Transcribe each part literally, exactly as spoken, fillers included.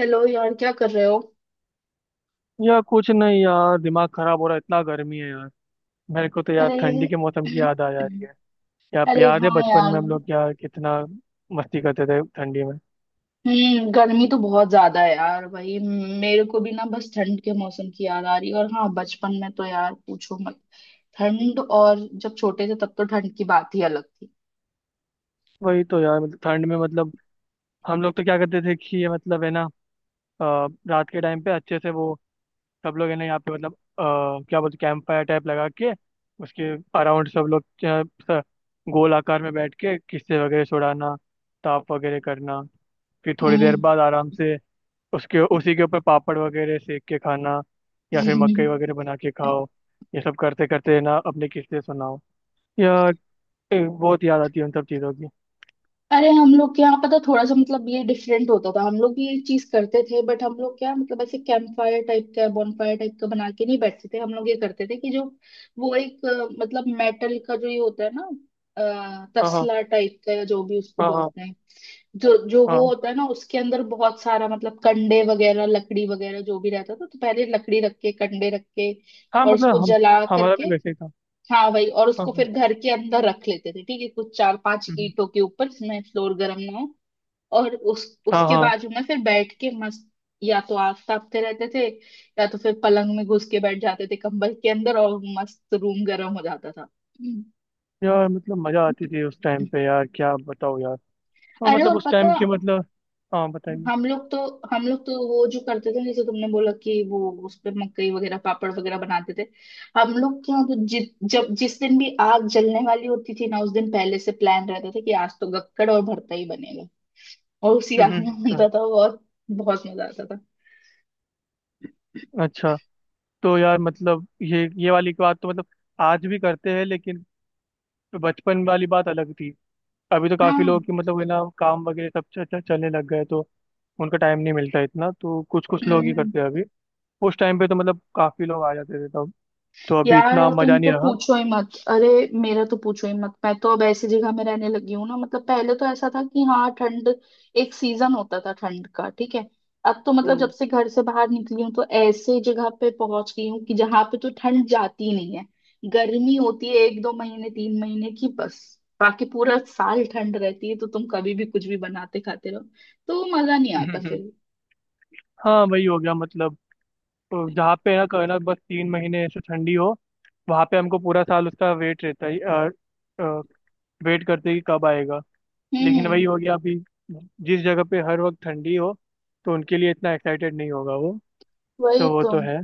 Hello यार, क्या कर रहे हो। यार कुछ नहीं यार, दिमाग खराब हो रहा है, इतना गर्मी है यार। मेरे को तो यार अरे। ठंडी के मौसम की याद आ जा रही है। यार अरे याद है हाँ बचपन में यार। हम लोग यार कितना मस्ती करते थे ठंडी में। हम्म, गर्मी तो बहुत ज्यादा है यार भाई। मेरे को भी ना बस ठंड के मौसम की याद आ रही है। और हाँ, बचपन में तो यार पूछो मत। ठंड और जब छोटे थे तब तो ठंड की बात ही अलग थी। वही तो यार, मतलब ठंड में, मतलब हम लोग तो क्या करते थे कि ये मतलब है ना अ, रात के टाइम पे अच्छे से वो सब लोग है ना यहाँ पे मतलब अ, क्या बोलते, कैंप फायर टाइप लगा के उसके अराउंड सब लोग अ, स- गोल आकार में बैठ के किस्से वगैरह सुनाना, ताप वगैरह करना, फिर थोड़ी देर बाद आराम से उसके उसी के ऊपर पापड़ वगैरह सेक के खाना या फिर हम्म। मकई वगैरह बना के खाओ। ये सब करते करते ना अपनी किस्सें सुनाओ या ए, बहुत याद आती है उन सब चीज़ों की। अरे हम लोग के यहाँ पता, थोड़ा सा मतलब ये डिफरेंट होता था। हम लोग भी ये चीज करते थे बट हम लोग क्या मतलब, ऐसे कैंप फायर टाइप का बॉनफायर टाइप का बना के नहीं बैठते थे। हम लोग ये करते थे कि जो वो एक अ, मतलब मेटल का जो ये होता है ना, अ, हाँ हाँ। तसला टाइप का, या जो भी उसको हाँ हाँ। बोलते हैं। जो जो वो हाँ होता है ना, उसके अंदर बहुत सारा मतलब कंडे वगैरह लकड़ी वगैरह जो भी रहता था, तो पहले लकड़ी रख के कंडे रख के हाँ, और मतलब उसको हम जला हमारा भी करके। वैसे ही था। हाँ भाई, और हाँ उसको हाँ। फिर घर के अंदर रख लेते थे, ठीक है, कुछ चार पांच हम्म। ईंटों के ऊपर जिसमें फ्लोर गर्म ना हो। और उस हाँ उसके हाँ। बाजू में फिर बैठ के मस्त या तो आग तापते रहते थे, या तो फिर पलंग में घुस के बैठ जाते थे कंबल के अंदर और मस्त रूम गर्म हो जाता था। हम्म। यार मतलब मज़ा आती थी उस टाइम पे यार, क्या बताओ यार। और अरे मतलब और उस टाइम पता, की मतलब। हाँ बताइए। हम लोग तो हम लोग तो वो जो करते थे जैसे तुमने बोला कि वो उस पे मकई वगैरह पापड़ वगैरह बनाते थे। हम लोग क्या, तो जि, जब जिस दिन भी आग जलने वाली होती थी ना, उस दिन पहले से प्लान रहता था कि आज तो गक्कड़ और भरता ही बनेगा। और उसी आग हम्म। में अच्छा। होता था और बहुत मजा आता था। अच्छा, तो यार मतलब ये ये वाली बात तो मतलब आज भी करते हैं, लेकिन बचपन वाली बात अलग थी। अभी तो काफी हाँ। लोग की मतलब है ना काम वगैरह सब च, च, चलने लग गए, तो उनका टाइम नहीं मिलता इतना, तो कुछ कुछ लोग ही हम्म। करते हैं अभी। उस टाइम पे तो मतलब काफी लोग आ जाते थे तब, तो अभी यार इतना और तुम मजा नहीं तो रहा। पूछो ही मत। अरे मेरा तो पूछो ही मत, मैं तो अब ऐसी जगह में रहने लगी हूँ ना। मतलब पहले तो ऐसा था कि हाँ ठंड, एक सीजन होता था ठंड का, ठीक है। अब तो मतलब जब हम्म। से घर से बाहर निकली हूँ तो ऐसे जगह पे पहुंच गई हूँ कि जहाँ पे तो ठंड जाती ही नहीं है। गर्मी होती है एक दो महीने तीन महीने की बस। बाकी पूरा साल ठंड रहती है, तो तुम कभी भी कुछ भी बनाते खाते रहो तो मजा नहीं आता फिर। हाँ वही हो गया मतलब। तो जहाँ पे है ना कहना बस तीन महीने ऐसे ठंडी हो, वहाँ पे हमको पूरा साल उसका वेट रहता है, वेट करते कि कब आएगा। लेकिन हम्म। वही हो गया अभी। जिस जगह पे हर वक्त ठंडी हो तो उनके लिए इतना एक्साइटेड नहीं होगा वो। वही तो वो तो। तो है,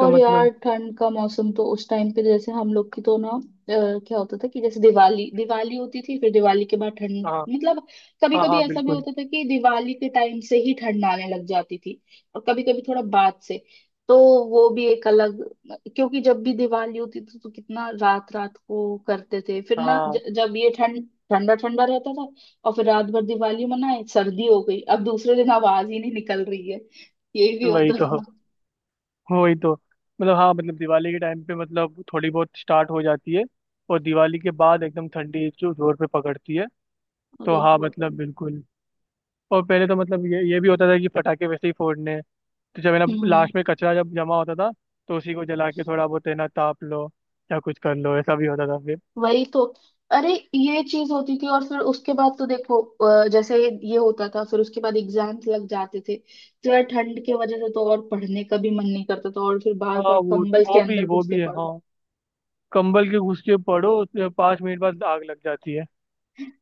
तो यार मतलब। ठंड का मौसम तो उस टाइम पे, जैसे हम लोग की तो ना अ, क्या होता था कि जैसे दिवाली, दिवाली होती थी फिर दिवाली के बाद ठंड हाँ। मतलब, कभी हाँ कभी हाँ ऐसा भी बिल्कुल। होता था कि दिवाली के टाइम से ही ठंड आने लग जाती थी, और कभी कभी थोड़ा बाद से। तो वो भी एक अलग, क्योंकि जब भी दिवाली होती थी तो कितना रात रात को करते थे, फिर ना ज, हाँ जब ये ठंड ठंडा ठंडा रहता था। और फिर रात भर दिवाली मनाए, सर्दी हो गई, अब दूसरे दिन आवाज ही नहीं निकल रही है, ये भी वही होता तो। था। वही तो, मतलब हाँ, मतलब दिवाली के टाइम पे मतलब थोड़ी बहुत स्टार्ट हो जाती है, और दिवाली के बाद एकदम ठंडी जो जोर पे पकड़ती है। तो अरे हाँ बहुत। मतलब बिल्कुल। और पहले तो मतलब ये ये भी होता था कि पटाखे वैसे ही फोड़ने हैं। तो जब है ना हम्म। लास्ट में कचरा जब जमा होता था तो उसी को जला के थोड़ा बहुत है ना ताप लो या कुछ कर लो, ऐसा भी होता था फिर। वही तो। अरे ये चीज होती थी और फिर उसके बाद तो देखो अ, जैसे ये होता था, फिर उसके बाद एग्जाम्स लग जाते थे तो यार ठंड की वजह से तो और पढ़ने का भी मन नहीं करता था, और फिर बार हाँ बार वो कंबल के वो भी अंदर वो घुस के भी है पड़ो। हाँ। कंबल के घुस के पड़ो उसके पाँच मिनट बाद आग लग जाती है।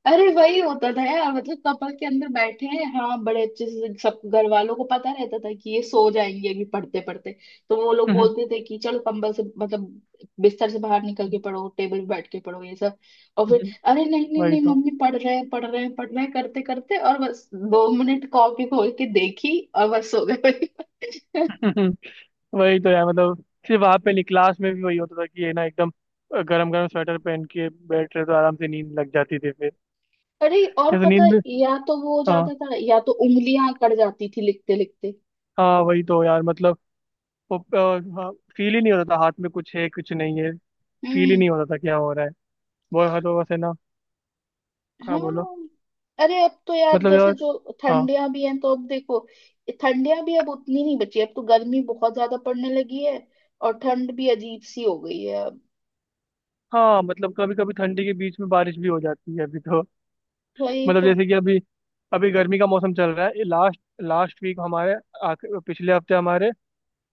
अरे वही होता था यार। मतलब कपल के अंदर बैठे हैं, हाँ, बड़े अच्छे से सब घर वालों को पता रहता था कि ये सो जाएंगे अभी पढ़ते पढ़ते, तो वो लोग बोलते थे कि चलो कंबल से मतलब बिस्तर से बाहर निकल के पढ़ो, टेबल पे बैठ के पढ़ो, ये सब। और फिर अरे नहीं नहीं वही नहीं तो। मम्मी, पढ़ रहे हैं पढ़ रहे हैं पढ़ रहे हैं करते करते, और बस दो मिनट कॉपी खोल के देखी और बस सो गए। वही तो यार, मतलब सिर्फ वहां पे नहीं, क्लास में भी वही होता था कि ये ना एकदम गरम गरम स्वेटर पहन के बैठ रहे तो आराम से नींद लग जाती थी फिर, अरे और जैसे पता, नींद में। या तो वो हो हाँ। जाता था या तो उंगलियां अकड़ जाती थी लिखते लिखते। हाँ वही तो यार, मतलब वो फील ही नहीं होता था हाथ में कुछ है कुछ नहीं है। फील ही हम्म। नहीं होता था क्या हो रहा है। वो हाँ, तो बस है ना। हाँ बोलो। हाँ। अरे अब तो यार मतलब जैसे यार। जो हाँ। ठंडियां भी हैं तो अब देखो, ठंडियां भी अब उतनी नहीं बची, अब तो गर्मी बहुत ज्यादा पड़ने लगी है। और ठंड भी अजीब सी हो गई है अब। हाँ, मतलब कभी कभी ठंडी के बीच में बारिश भी हो जाती है अभी तो। वही मतलब तो। जैसे कि अभी, अभी गर्मी का मौसम चल रहा है। लास्ट लास्ट वीक हमारे, आख- पिछले हफ्ते हमारे,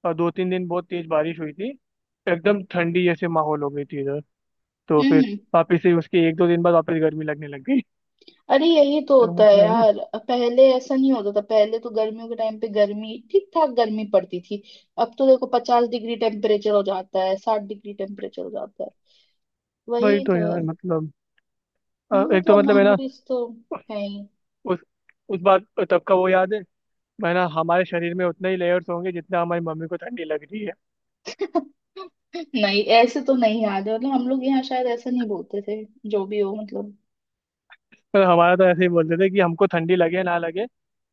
और दो तीन दिन बहुत तेज बारिश हुई थी। एकदम ठंडी जैसे माहौल हो गई थी इधर। तो फिर हम्म। वापस से उसके एक दो दिन बाद वापस गर्मी लगने लग गई। अरे यही तो तो होता है मतलब यार। यार। पहले ऐसा नहीं होता था, पहले तो गर्मियों के टाइम पे गर्मी ठीक ठाक गर्मी पड़ती थी। अब तो देखो, पचास डिग्री टेम्परेचर हो जाता है, साठ डिग्री टेम्परेचर हो जाता है। वही वही तो तो यार, है। मतलब अ, हम्म, एक तो मतलब मतलब है ना मेमोरीज तो है ही। उस उस बात तब का वो याद है है ना हमारे शरीर में उतना ही लेयर्स होंगे जितना हमारी मम्मी को ठंडी लग रही है। नहीं, ऐसे तो नहीं याद है। मतलब हम लोग यहाँ शायद ऐसा नहीं बोलते थे। जो भी हो मतलब। पर हमारा तो ऐसे ही बोलते थे कि हमको ठंडी लगे ना लगे,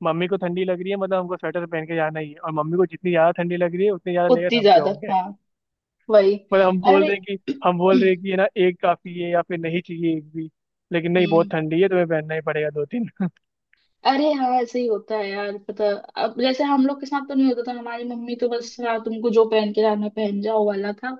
मम्मी को ठंडी लग रही है मतलब हमको स्वेटर पहन के जाना ही है, और मम्मी को जितनी ज्यादा ठंडी लग रही है उतने ज्यादा लेयर उतनी हम पे ज्यादा होंगे। हाँ। वही। मतलब हम बोल अरे। रहे हैं कि हम बोल रहे हैं कि ये ना एक काफी है या फिर नहीं चाहिए एक भी। लेकिन नहीं बहुत हम्म। ठंडी है, तुम्हें पहनना ही पड़ेगा दो तीन। अरे हाँ ऐसे ही होता है यार पता। अब जैसे हम लोग के साथ तो नहीं होता था, हमारी मम्मी तो बस हाँ, तुमको जो पहन के जाना पहन जाओ वाला था।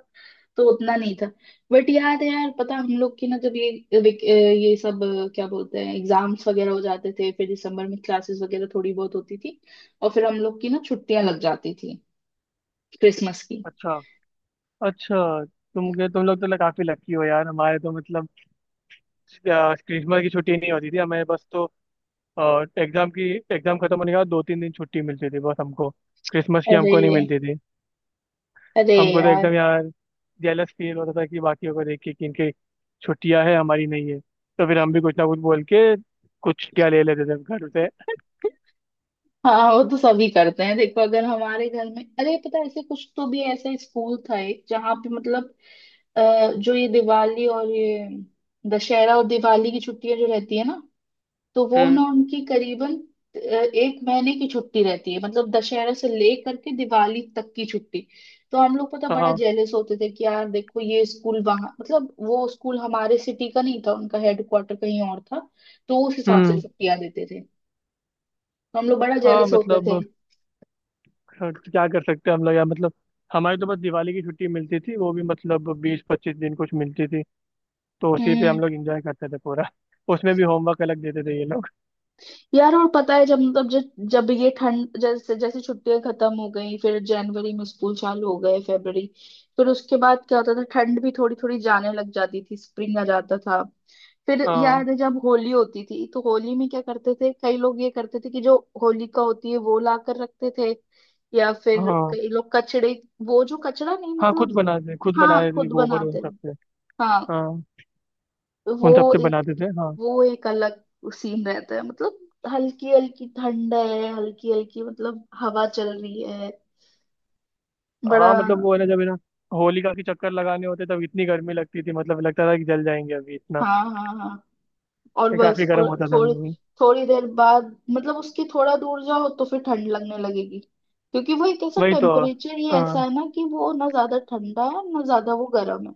तो उतना नहीं था। बट याद है यार पता, हम लोग की ना जब ये विक- ये सब क्या बोलते हैं एग्जाम्स वगैरह हो जाते थे, फिर दिसंबर में क्लासेस वगैरह थोड़ी बहुत होती थी, और फिर हम लोग की ना छुट्टियां लग जाती थी क्रिसमस की। अच्छा। अच्छा तुम के तुम लोग तो ल- काफी लकी हो यार। हमारे तो मतलब अ, क्रिसमस की छुट्टी नहीं होती थी हमें, बस तो अ, एग्जाम की एग्जाम खत्म होने के बाद दो तीन दिन छुट्टी मिलती थी बस हमको। क्रिसमस की अरे। हमको नहीं मिलती थी। अरे हमको तो यार। एकदम यार जेलस फील होता था कि बाकियों को देख के कि इनके छुट्टियां है हमारी नहीं है, तो फिर हम भी कुछ ना कुछ बोल के कुछ छुट्टियां ले लेते थे घर से। हाँ वो तो सभी करते हैं देखो। अगर हमारे घर में, अरे पता है, ऐसे कुछ तो भी ऐसा स्कूल था एक, जहाँ पे मतलब अ, जो ये दिवाली और ये दशहरा और दिवाली की छुट्टियां जो रहती है ना, तो वो हम्म। ना उनकी करीबन अ, एक महीने की छुट्टी रहती है। मतलब दशहरा से ले करके दिवाली तक की छुट्टी। तो हम लोग पता बड़ा हाँ। जेलस होते थे कि यार देखो ये स्कूल, वहाँ मतलब, वो स्कूल हमारे सिटी का नहीं था, उनका हेडक्वार्टर कहीं और था तो उस हिसाब से हम्म। छुट्टियां देते थे। तो हम लोग बड़ा हाँ जेलस होते थे। मतलब। हाँ, क्या कर सकते हैं हम लोग यार, मतलब हमारी तो बस दिवाली की छुट्टी मिलती थी, वो भी मतलब बीस पच्चीस दिन कुछ मिलती थी, तो उसी पे हम हम्म। लोग एंजॉय करते थे पूरा। उसमें भी होमवर्क अलग देते थे ये लोग। यार और पता है, जब मतलब जब जब ये ठंड जैसे जैसे छुट्टियां खत्म हो गई, फिर जनवरी में स्कूल चालू हो गए, फरवरी, फिर उसके बाद क्या होता था, ठंड भी थोड़ी थोड़ी जाने लग जाती थी, स्प्रिंग आ जाता था। फिर हाँ। याद है जब होली होती थी, तो होली में क्या करते थे, कई लोग ये करते थे कि जो होलिका होती है वो ला कर रखते थे, या फिर हाँ। कई लोग कचड़े, वो जो कचड़ा नहीं हाँ खुद मतलब, बनाते थे, खुद हाँ बनाते थे खुद गोबर उन बनाते सब हैं, से। हाँ। हाँ वो उन सब से एक बनाते थे हाँ। वो एक अलग सीन रहता है मतलब। हल्की हल्की ठंड है, हल्की हल्की मतलब हवा चल रही है, हाँ बड़ा। मतलब वो है ना, जब है ना होलिका के चक्कर लगाने होते तब इतनी गर्मी लगती थी, मतलब लगता था कि जल जाएंगे अभी इतना। हाँ हाँ हाँ। और ये बस काफी गर्म और होता था अभी थोड़ी, भी। थोड़ी देर बाद मतलब उसके थोड़ा दूर जाओ तो फिर ठंड लगने लगेगी, क्योंकि वो एक ऐसा वही तो। टेम्परेचर ही ऐसा हाँ है ना कि वो ना ज्यादा ठंडा है ना ज्यादा वो गर्म है।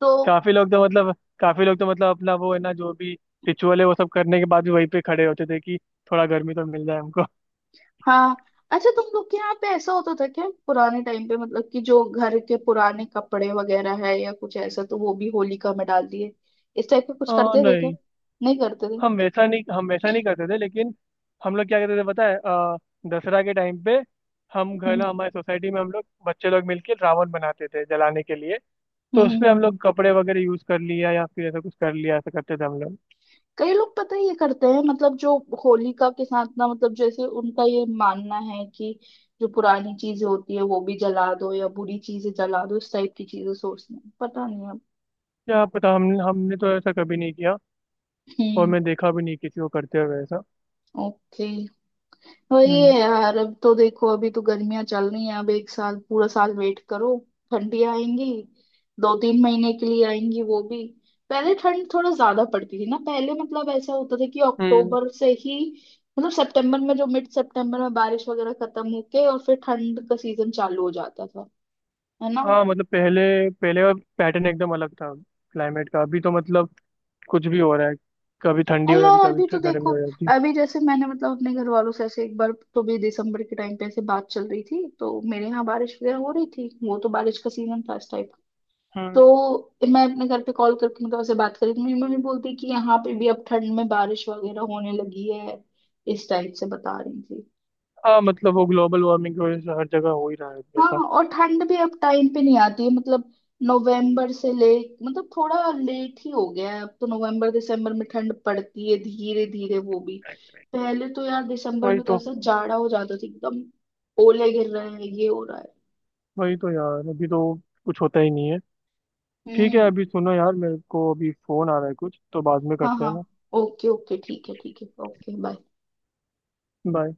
तो काफी लोग तो मतलब काफी लोग तो मतलब अपना वो है ना जो भी रिचुअल है वो सब करने के बाद भी वहीं पे खड़े होते थे कि थोड़ा गर्मी तो मिल जाए हमको। हाँ। अच्छा, तुम लोग के यहाँ पे ऐसा होता था क्या पुराने टाइम पे, मतलब कि जो घर के पुराने कपड़े वगैरह है या कुछ ऐसा तो वो भी होलिका में डाल दिए, इस टाइप का कुछ आ, करते थे क्या। नहीं। नहीं करते थे। हम ऐसा नहीं हम ऐसा नहीं करते थे, लेकिन हम लोग क्या करते थे पता है अ, दसरा के टाइम पे हम घर हम्म। ना, हमारे सोसाइटी में हम लोग बच्चे लोग मिलके रावण बनाते थे जलाने के लिए। हम्म तो उसमें हम हम्म। लोग कपड़े वगैरह यूज कर लिया या फिर ऐसा कुछ कर लिया, ऐसा करते थे हम लोग। कई लोग पता है ये करते हैं, मतलब जो होलिका के साथ ना, मतलब जैसे उनका ये मानना है कि जो पुरानी चीजें होती है वो भी जला दो, या बुरी चीजें जला दो, इस टाइप की चीजें सोचते हैं पता नहीं अब। क्या पता, हम हमने तो ऐसा कभी नहीं किया, और हम्म। मैं देखा भी नहीं किसी को करते हुए ऐसा। ओके। वही है हम्म। यार, अब तो देखो अभी तो गर्मियां चल रही हैं, अब एक साल पूरा साल वेट करो। ठंडी आएंगी, दो तीन महीने के लिए आएंगी, वो भी। पहले ठंड थोड़ा ज्यादा पड़ती थी ना पहले। मतलब ऐसा होता था कि हम्म। अक्टूबर से ही, मतलब सितंबर में, जो मिड सितंबर में बारिश वगैरह खत्म होके और फिर ठंड का सीजन चालू हो जाता था, है ना। हाँ मतलब पहले पहले का पैटर्न एकदम अलग था, क्लाइमेट का। अभी तो मतलब कुछ भी हो रहा है। कभी ठंडी अरे हो जाती, यार कभी अभी तो थ- गर्मी देखो। हो जाती। अभी जैसे मैंने मतलब अपने घर वालों से ऐसे एक बार तो भी दिसंबर के टाइम पे ऐसे बात चल रही थी, तो मेरे यहाँ बारिश वगैरह हो रही थी, वो तो बारिश का सीजन था इस टाइम। हम्म। तो मैं अपने घर पे कॉल करके मतलब उसे बात करी तो मेरी मम्मी बोलती कि यहाँ पे भी अब ठंड में बारिश वगैरह होने लगी है, इस टाइप से बता रही थी। हाँ मतलब वो ग्लोबल वार्मिंग की वजह से हर जगह हो ही रहा है अभी हाँ ऐसा। और ठंड भी अब टाइम पे नहीं आती है मतलब। नवंबर से ले, मतलब थोड़ा लेट ही हो गया है अब तो, नवंबर दिसंबर में ठंड पड़ती है धीरे धीरे वो भी। पहले तो यार दिसंबर वही में तो तो। ऐसा जाड़ा हो जाता था एकदम, ओले गिर रहे हैं, ये हो रहा है। वही तो यार, अभी तो कुछ होता ही नहीं है। ठीक है हम्म। अभी सुनो यार, मेरे को अभी फोन आ रहा है कुछ, तो बाद में हाँ करते हैं हाँ। ना। ओके ओके ठीक है, ठीक है, ओके बाय। बाय।